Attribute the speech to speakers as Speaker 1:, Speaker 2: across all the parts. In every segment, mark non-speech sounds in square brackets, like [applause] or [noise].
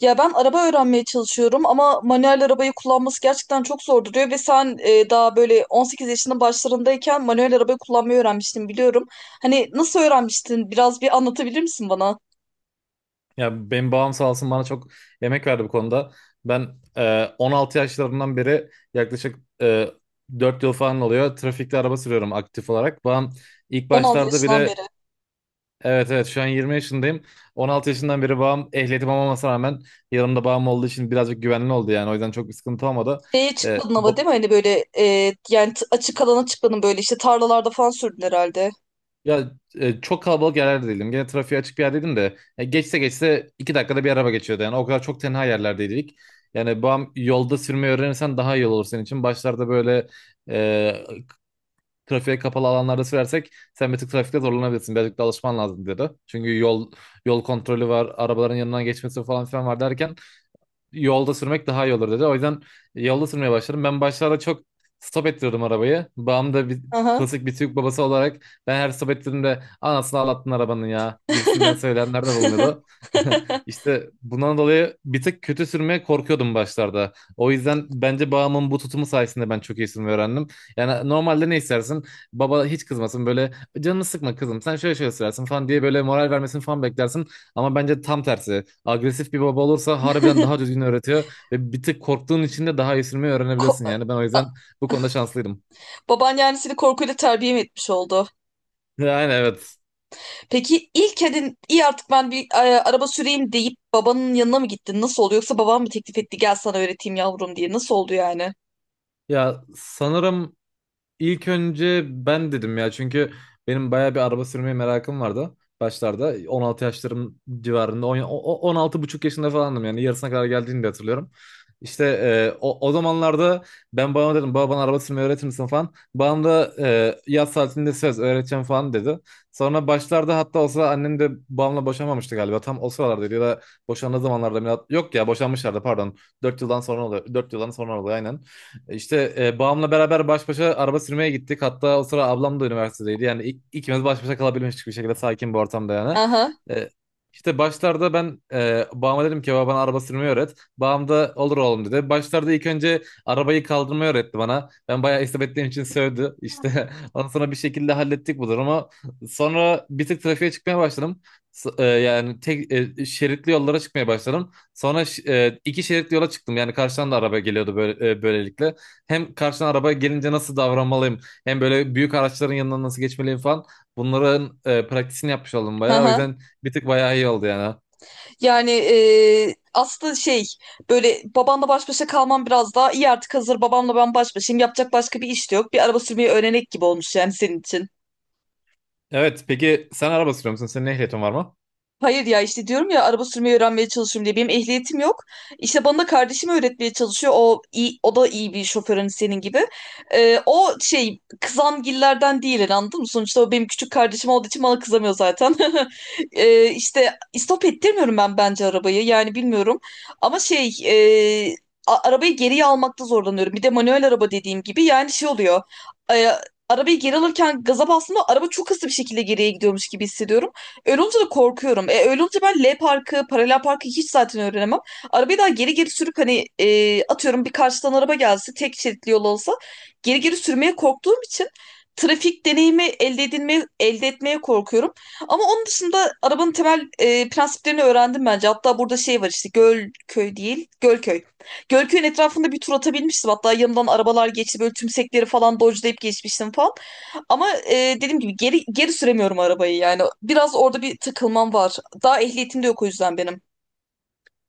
Speaker 1: Ya ben araba öğrenmeye çalışıyorum ama manuel arabayı kullanması gerçekten çok zor duruyor ve sen daha böyle 18 yaşının başlarındayken manuel arabayı kullanmayı öğrenmiştin biliyorum. Hani nasıl öğrenmiştin? Biraz bir anlatabilir misin bana?
Speaker 2: Ya benim babam sağ olsun bana çok emek verdi bu konuda. Ben 16 yaşlarından beri yaklaşık 4 yıl falan oluyor. Trafikte araba sürüyorum aktif olarak. Babam ilk
Speaker 1: 16
Speaker 2: başlarda
Speaker 1: yaşından
Speaker 2: bile.
Speaker 1: beri.
Speaker 2: Evet, evet, şu an 20 yaşındayım. 16 yaşından beri babam ehliyetim olmamasına rağmen yanımda babam olduğu için birazcık güvenli oldu yani. O yüzden çok bir sıkıntı olmadı.
Speaker 1: Şeye
Speaker 2: E,
Speaker 1: çıkmadın ama
Speaker 2: ba-
Speaker 1: değil mi? Hani böyle açık alana çıkmadın böyle işte tarlalarda falan sürdün herhalde.
Speaker 2: Ya, çok kalabalık yerlerde değilim. Gene trafiğe açık bir yerdeydim de. Geçse geçse 2 dakikada bir araba geçiyordu. Yani o kadar çok tenha yerlerdeydik. Yani bu yolda sürmeyi öğrenirsen daha iyi olur senin için. Başlarda böyle e, trafiğe kapalı alanlarda sürersek sen bir tık trafikte zorlanabilirsin. Birazcık da alışman lazım dedi. Çünkü yol kontrolü var, arabaların yanından geçmesi falan filan var derken yolda sürmek daha iyi olur dedi. O yüzden yolda sürmeye başladım. Ben başlarda çok stop ettirdim arabayı. Babam da
Speaker 1: Aha.
Speaker 2: klasik bir Türk babası olarak ben her stop ettiğimde anasını ağlattın arabanın ya
Speaker 1: [laughs]
Speaker 2: gibisinden söyleyenler de bulunuyordu. [laughs] İşte bundan dolayı bir tık kötü sürmeye korkuyordum başlarda. O yüzden bence babamın bu tutumu sayesinde ben çok iyi sürmeyi öğrendim. Yani normalde ne istersin? Baba hiç kızmasın, böyle canını sıkma kızım, sen şöyle şöyle sürersin falan diye böyle moral vermesini falan beklersin. Ama bence tam tersi. Agresif bir baba olursa harbiden daha düzgün öğretiyor ve bir tık korktuğun için de daha esirmeyi
Speaker 1: Ko-
Speaker 2: öğrenebiliyorsun. Yani ben o yüzden
Speaker 1: A-
Speaker 2: bu konuda şanslıydım.
Speaker 1: Baban yani seni korkuyla terbiye mi etmiş oldu?
Speaker 2: Yani evet.
Speaker 1: Peki ilk edin iyi artık ben bir araba süreyim deyip babanın yanına mı gittin? Nasıl oldu? Yoksa baban mı teklif etti gel sana öğreteyim yavrum diye. Nasıl oldu yani?
Speaker 2: Ya sanırım İlk önce ben dedim ya, çünkü benim bayağı bir araba sürmeye merakım vardı başlarda. 16 yaşlarım civarında, 10 16 buçuk yaşında falandım, yani yarısına kadar geldiğini de hatırlıyorum. İşte o zamanlarda ben babama dedim, baba bana araba sürmeyi öğretir misin falan. Babam da yaz tatilinde söz öğreteceğim falan dedi. Sonra başlarda hatta olsa annem de babamla boşanmamıştı galiba. Tam o sıralardaydı, ya da boşandığı zamanlarda. Yok ya, boşanmışlardı pardon. 4 yıldan sonra oluyor. 4 yıldan sonra oluyor, aynen. İşte babamla beraber baş başa araba sürmeye gittik. Hatta o sıra ablam da üniversitedeydi. Yani ikimiz baş başa kalabilmiştik bir şekilde, sakin bir ortamda yani.
Speaker 1: Aha,
Speaker 2: E, işte başlarda ben babama dedim ki, baba bana araba sürmeyi öğret. Babam da olur oğlum dedi. Başlarda ilk önce arabayı kaldırmayı öğretti bana. Ben bayağı istep ettiğim için sövdü. İşte [laughs] ondan sonra bir şekilde hallettik bu durumu. Sonra bir tık trafiğe çıkmaya başladım. Yani tek şeritli yollara çıkmaya başladım. Sonra iki şeritli yola çıktım. Yani karşıdan da araba geliyordu böyle, böylelikle hem karşına araba gelince nasıl davranmalıyım, hem böyle büyük araçların yanından nasıl geçmeliyim falan, bunların praktisini yapmış oldum bayağı. O
Speaker 1: aha.
Speaker 2: yüzden bir tık bayağı iyi oldu yani.
Speaker 1: Yani aslında şey böyle babanla baş başa kalmam biraz daha iyi artık hazır babamla ben baş başayım. Yapacak başka bir iş de yok. Bir araba sürmeyi öğrenek gibi olmuş yani senin için.
Speaker 2: Evet, peki sen araba sürüyor musun? Senin ehliyetin var mı?
Speaker 1: Hayır ya işte diyorum ya araba sürmeyi öğrenmeye çalışıyorum diye. Benim ehliyetim yok. İşte bana da kardeşim öğretmeye çalışıyor. O iyi, o da iyi bir şoförün senin gibi. O şey kızamgillerden değil yani, anladın mı? Sonuçta o benim küçük kardeşim olduğu için bana kızamıyor zaten. [laughs] İşte istop ettirmiyorum ben bence arabayı. Yani bilmiyorum. Ama şey arabayı geriye almakta zorlanıyorum. Bir de manuel araba dediğim gibi yani şey oluyor. Ee, arabayı geri alırken gaza bastığımda araba çok hızlı bir şekilde geriye gidiyormuş gibi hissediyorum. Öyle olunca da korkuyorum. Öyle olunca ben L parkı, paralel parkı hiç zaten öğrenemem. Arabayı daha geri geri sürüp hani atıyorum bir karşıdan araba gelse tek şeritli yol olsa geri geri sürmeye korktuğum için trafik deneyimi elde edilmeye, elde etmeye korkuyorum. Ama onun dışında arabanın temel prensiplerini öğrendim bence. Hatta burada şey var işte Gölköy değil, Gölköy. Gölköy'ün etrafında bir tur atabilmiştim. Hatta yanımdan arabalar geçti böyle tümsekleri falan dodge'layıp geçmiştim falan. Ama dediğim gibi geri geri süremiyorum arabayı yani. Biraz orada bir takılmam var. Daha ehliyetim de yok o yüzden benim.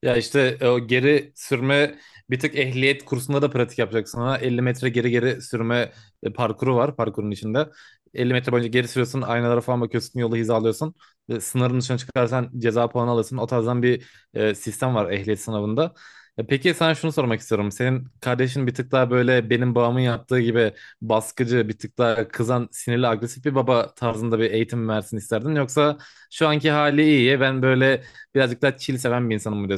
Speaker 2: Ya işte o geri sürme, bir tık ehliyet kursunda da pratik yapacaksın. Ha. 50 metre geri geri sürme parkuru var parkurun içinde. 50 metre boyunca geri sürüyorsun, aynalara falan bakıyorsun, yolu hizalıyorsun. Sınırın dışına çıkarsan ceza puanı alırsın. O tarzdan bir sistem var ehliyet sınavında. Peki sana şunu sormak istiyorum. Senin kardeşin bir tık daha böyle benim babamın yaptığı gibi baskıcı, bir tık daha kızan, sinirli, agresif bir baba tarzında bir eğitim mi versin isterdin? Yoksa şu anki hali iyi, ben böyle birazcık daha chill seven bir insanım mı?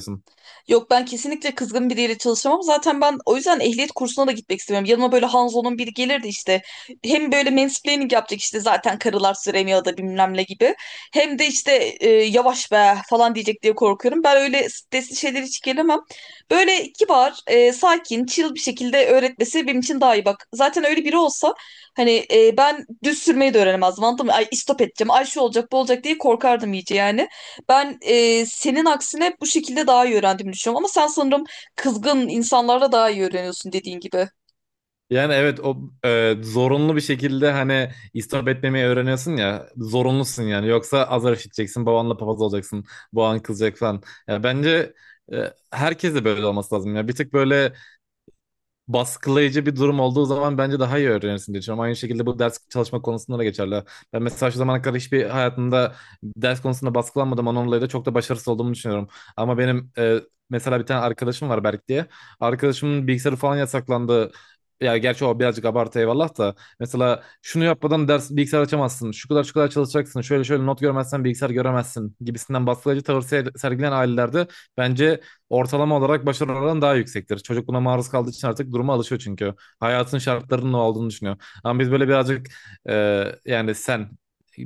Speaker 1: Yok ben kesinlikle kızgın biriyle çalışamam. Zaten ben o yüzden ehliyet kursuna da gitmek istemiyorum. Yanıma böyle Hanzo'nun biri gelirdi işte. Hem böyle mansplaining yapacak işte zaten karılar süremiyor da bilmem ne gibi. Hem de işte yavaş be falan diyecek diye korkuyorum. Ben öyle stresli şeyler hiç gelemem. Böyle kibar, sakin, chill bir şekilde öğretmesi benim için daha iyi bak. Zaten öyle biri olsa hani ben düz sürmeyi de öğrenemezdim anladın mı? Ay istop edeceğim, ay şu olacak bu olacak diye korkardım iyice yani. Ben senin aksine bu şekilde daha iyi öğrendiğimi düşünüyorum. Ama sen sanırım kızgın insanlarla daha iyi öğreniyorsun dediğin gibi.
Speaker 2: Yani evet, o zorunlu bir şekilde hani istop etmemeyi öğreniyorsun ya, zorunlusun yani, yoksa azar işiteceksin, babanla papaz olacaksın, baban kızacak falan. Ya bence e, herkese böyle olması lazım ya, bir tık böyle baskılayıcı bir durum olduğu zaman bence daha iyi öğrenirsin diye düşünüyorum. Aynı şekilde bu ders çalışma konusunda da geçerli. Ben mesela şu zamana kadar hiçbir hayatımda ders konusunda baskılanmadım. Onunla dolayı da çok da başarısız olduğumu düşünüyorum. Ama benim mesela bir tane arkadaşım var, Berk diye. Arkadaşımın bilgisayarı falan yasaklandı. Ya gerçi o birazcık abartı, eyvallah da. Mesela şunu yapmadan ders bilgisayar açamazsın. Şu kadar şu kadar çalışacaksın. Şöyle şöyle not görmezsen bilgisayar göremezsin gibisinden baskılayıcı tavır sergileyen ailelerde bence ortalama olarak başarı oranı daha yüksektir. Çocuk buna maruz kaldığı için artık duruma alışıyor çünkü. Hayatın şartlarının ne olduğunu düşünüyor. Ama biz böyle birazcık e, yani sen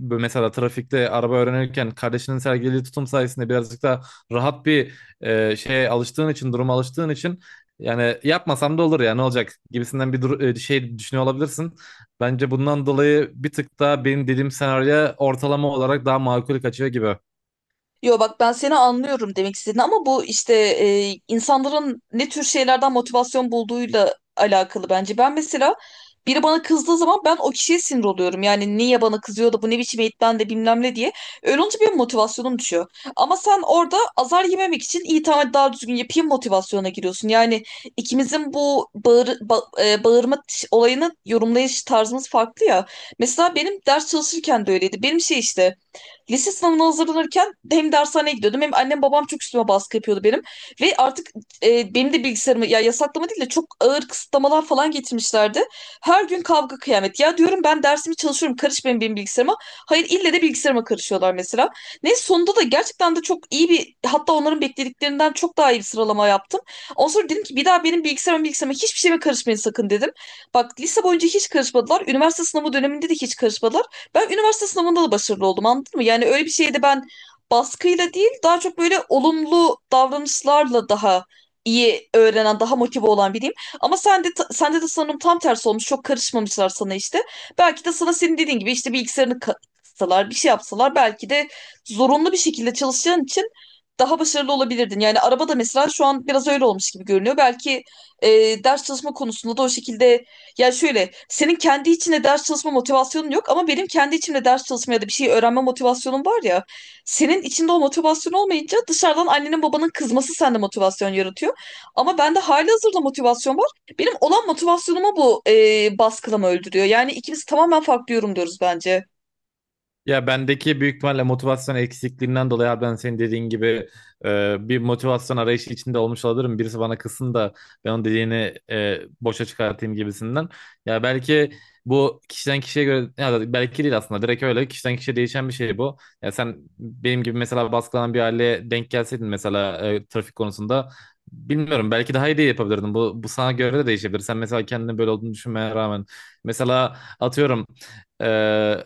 Speaker 2: mesela trafikte araba öğrenirken kardeşinin sergilediği tutum sayesinde birazcık daha rahat bir şeye alıştığın için, duruma alıştığın için, yani yapmasam da olur ya, ne olacak gibisinden bir şey düşünüyor olabilirsin. Bence bundan dolayı bir tık daha benim dediğim senaryo ortalama olarak daha makul kaçıyor gibi.
Speaker 1: Yo bak ben seni anlıyorum demek istediğini ama bu işte insanların ne tür şeylerden motivasyon bulduğuyla alakalı bence. Ben mesela biri bana kızdığı zaman ben o kişiye sinir oluyorum. Yani niye bana kızıyor da bu ne biçim eğitmen de bilmem ne diye. Öyle olunca benim motivasyonum düşüyor. Ama sen orada azar yememek için iyi tamam hadi daha düzgün yapayım motivasyona giriyorsun. Yani ikimizin bu bağırma olayını yorumlayış tarzımız farklı ya. Mesela benim ders çalışırken de öyleydi. Benim şey işte lise sınavına hazırlanırken hem dershaneye gidiyordum hem annem babam çok üstüme baskı yapıyordu benim. Ve artık benim de bilgisayarımı ya yasaklama değil de çok ağır kısıtlamalar falan getirmişlerdi. Her gün kavga kıyamet. Ya diyorum ben dersimi çalışıyorum karış benim bilgisayarıma. Hayır ille de bilgisayarıma karışıyorlar mesela. Ne sonunda da gerçekten de çok iyi bir hatta onların beklediklerinden çok daha iyi bir sıralama yaptım. Ondan sonra dedim ki bir daha benim bilgisayarıma hiçbir şeyime karışmayın sakın dedim. Bak lise boyunca hiç karışmadılar. Üniversite sınavı döneminde de hiç karışmadılar. Ben üniversite sınavında da başarılı oldum anladın mı? Yani öyle bir şeyde ben baskıyla değil daha çok böyle olumlu davranışlarla daha iyi öğrenen, daha motive olan biriyim. Ama sende de sanırım tam tersi olmuş. Çok karışmamışlar sana işte. Belki de sana senin dediğin gibi işte bilgisayarını katsalar, bir şey yapsalar belki de zorunlu bir şekilde çalışacağın için daha başarılı olabilirdin. Yani arabada mesela şu an biraz öyle olmuş gibi görünüyor. Belki e, ders çalışma konusunda da o şekilde ya şöyle, senin kendi içinde ders çalışma motivasyonun yok ama benim kendi içimde ders çalışma ya da bir şey öğrenme motivasyonum var ya. Senin içinde o motivasyon olmayınca dışarıdan annenin babanın kızması sende motivasyon yaratıyor. Ama bende halihazırda motivasyon var. Benim olan motivasyonumu bu baskılama öldürüyor. Yani ikimiz tamamen farklı yorumluyoruz bence.
Speaker 2: Ya bendeki büyük ihtimalle motivasyon eksikliğinden dolayı abi, ben senin dediğin gibi bir motivasyon arayışı içinde olmuş olabilirim. Birisi bana kızsın da ben onun dediğini boşa çıkartayım gibisinden. Ya belki bu kişiden kişiye göre, ya da belki değil, aslında direkt öyle kişiden kişiye değişen bir şey bu. Ya sen benim gibi mesela baskılanan bir aileye denk gelseydin, mesela trafik konusunda, bilmiyorum, belki daha iyi de yapabilirdin. Bu sana göre de değişebilir. Sen mesela kendini böyle olduğunu düşünmeye rağmen, mesela atıyorum, e,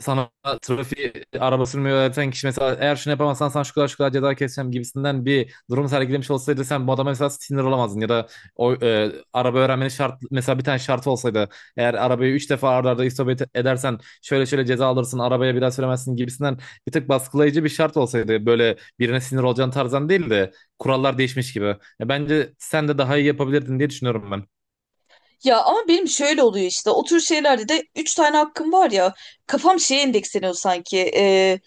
Speaker 2: sana trafiği araba sürmeyi öğreten kişi mesela eğer şunu yapamazsan sana şu kadar şu kadar ceza keseceğim gibisinden bir durum sergilemiş olsaydı, sen bu adama mesela sinir olamazdın, ya da o araba öğrenmenin şart, mesela bir tane şartı olsaydı, eğer arabayı 3 defa arda arda edersen şöyle şöyle ceza alırsın, arabaya bir daha süremezsin gibisinden bir tık baskılayıcı bir şart olsaydı, böyle birine sinir olacağın tarzdan değil de kurallar değişmiş gibi. Ya bence sen de daha iyi yapabilirdin diye düşünüyorum ben.
Speaker 1: Ya ama benim şöyle oluyor işte o tür şeylerde de 3 tane hakkım var ya kafam şeye endeksleniyor sanki.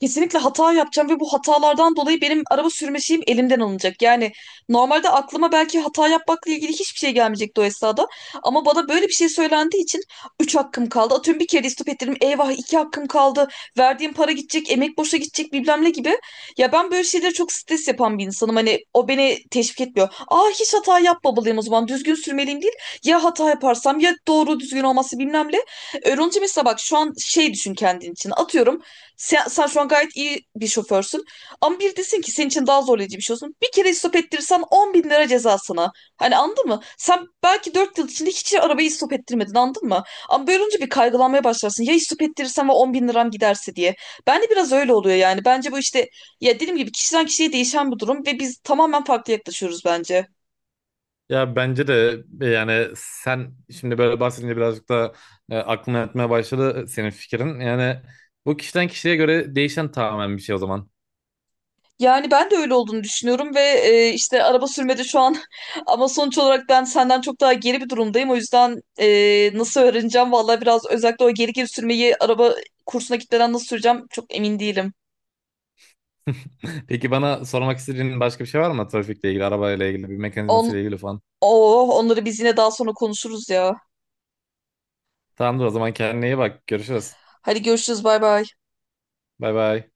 Speaker 1: Kesinlikle hata yapacağım ve bu hatalardan dolayı benim araba sürme şeyim elimden alınacak. Yani normalde aklıma belki hata yapmakla ilgili hiçbir şey gelmeyecekti o esnada. Ama bana böyle bir şey söylendiği için 3 hakkım kaldı. Atıyorum bir kere de istop ettirdim. Eyvah 2 hakkım kaldı. Verdiğim para gidecek, emek boşa gidecek bilmem ne gibi. Ya ben böyle şeylere çok stres yapan bir insanım. Hani o beni teşvik etmiyor. Aa hiç hata yapmamalıyım o zaman. Düzgün sürmeliyim değil. Ya hata yaparsam ya doğru düzgün olması bilmem ne. Öğrenci mesela bak şu an şey düşün kendin için. Atıyorum sen şu an gayet iyi bir şoförsün. Ama bir desin ki senin için daha zorlayıcı bir şey olsun. Bir kere stop ettirirsen 10 bin lira ceza sana. Hani anladın mı? Sen belki 4 yıl içinde hiç arabayı stop ettirmedin anladın mı? Ama böyle olunca bir kaygılanmaya başlarsın. Ya hiç stop ettirirsem ve 10 bin liram giderse diye. Ben de biraz öyle oluyor yani. Bence bu işte ya dediğim gibi kişiden kişiye değişen bir durum ve biz tamamen farklı yaklaşıyoruz bence.
Speaker 2: Ya bence de yani sen şimdi böyle bahsedince birazcık da aklıma yatmaya başladı senin fikrin. Yani bu kişiden kişiye göre değişen tamamen bir şey o zaman.
Speaker 1: Yani ben de öyle olduğunu düşünüyorum ve işte araba sürmede şu an [laughs] ama sonuç olarak ben senden çok daha geri bir durumdayım. O yüzden nasıl öğreneceğim vallahi biraz özellikle o geri geri sürmeyi araba kursuna gitmeden nasıl süreceğim çok emin değilim.
Speaker 2: Peki bana sormak istediğin başka bir şey var mı, trafikle ilgili, arabayla ilgili, bir
Speaker 1: On,
Speaker 2: mekanizmasıyla ilgili falan?
Speaker 1: oh, onları biz yine daha sonra konuşuruz ya.
Speaker 2: Tamamdır, o zaman kendine iyi bak. Görüşürüz.
Speaker 1: Hadi görüşürüz bay bay.
Speaker 2: Bay bay.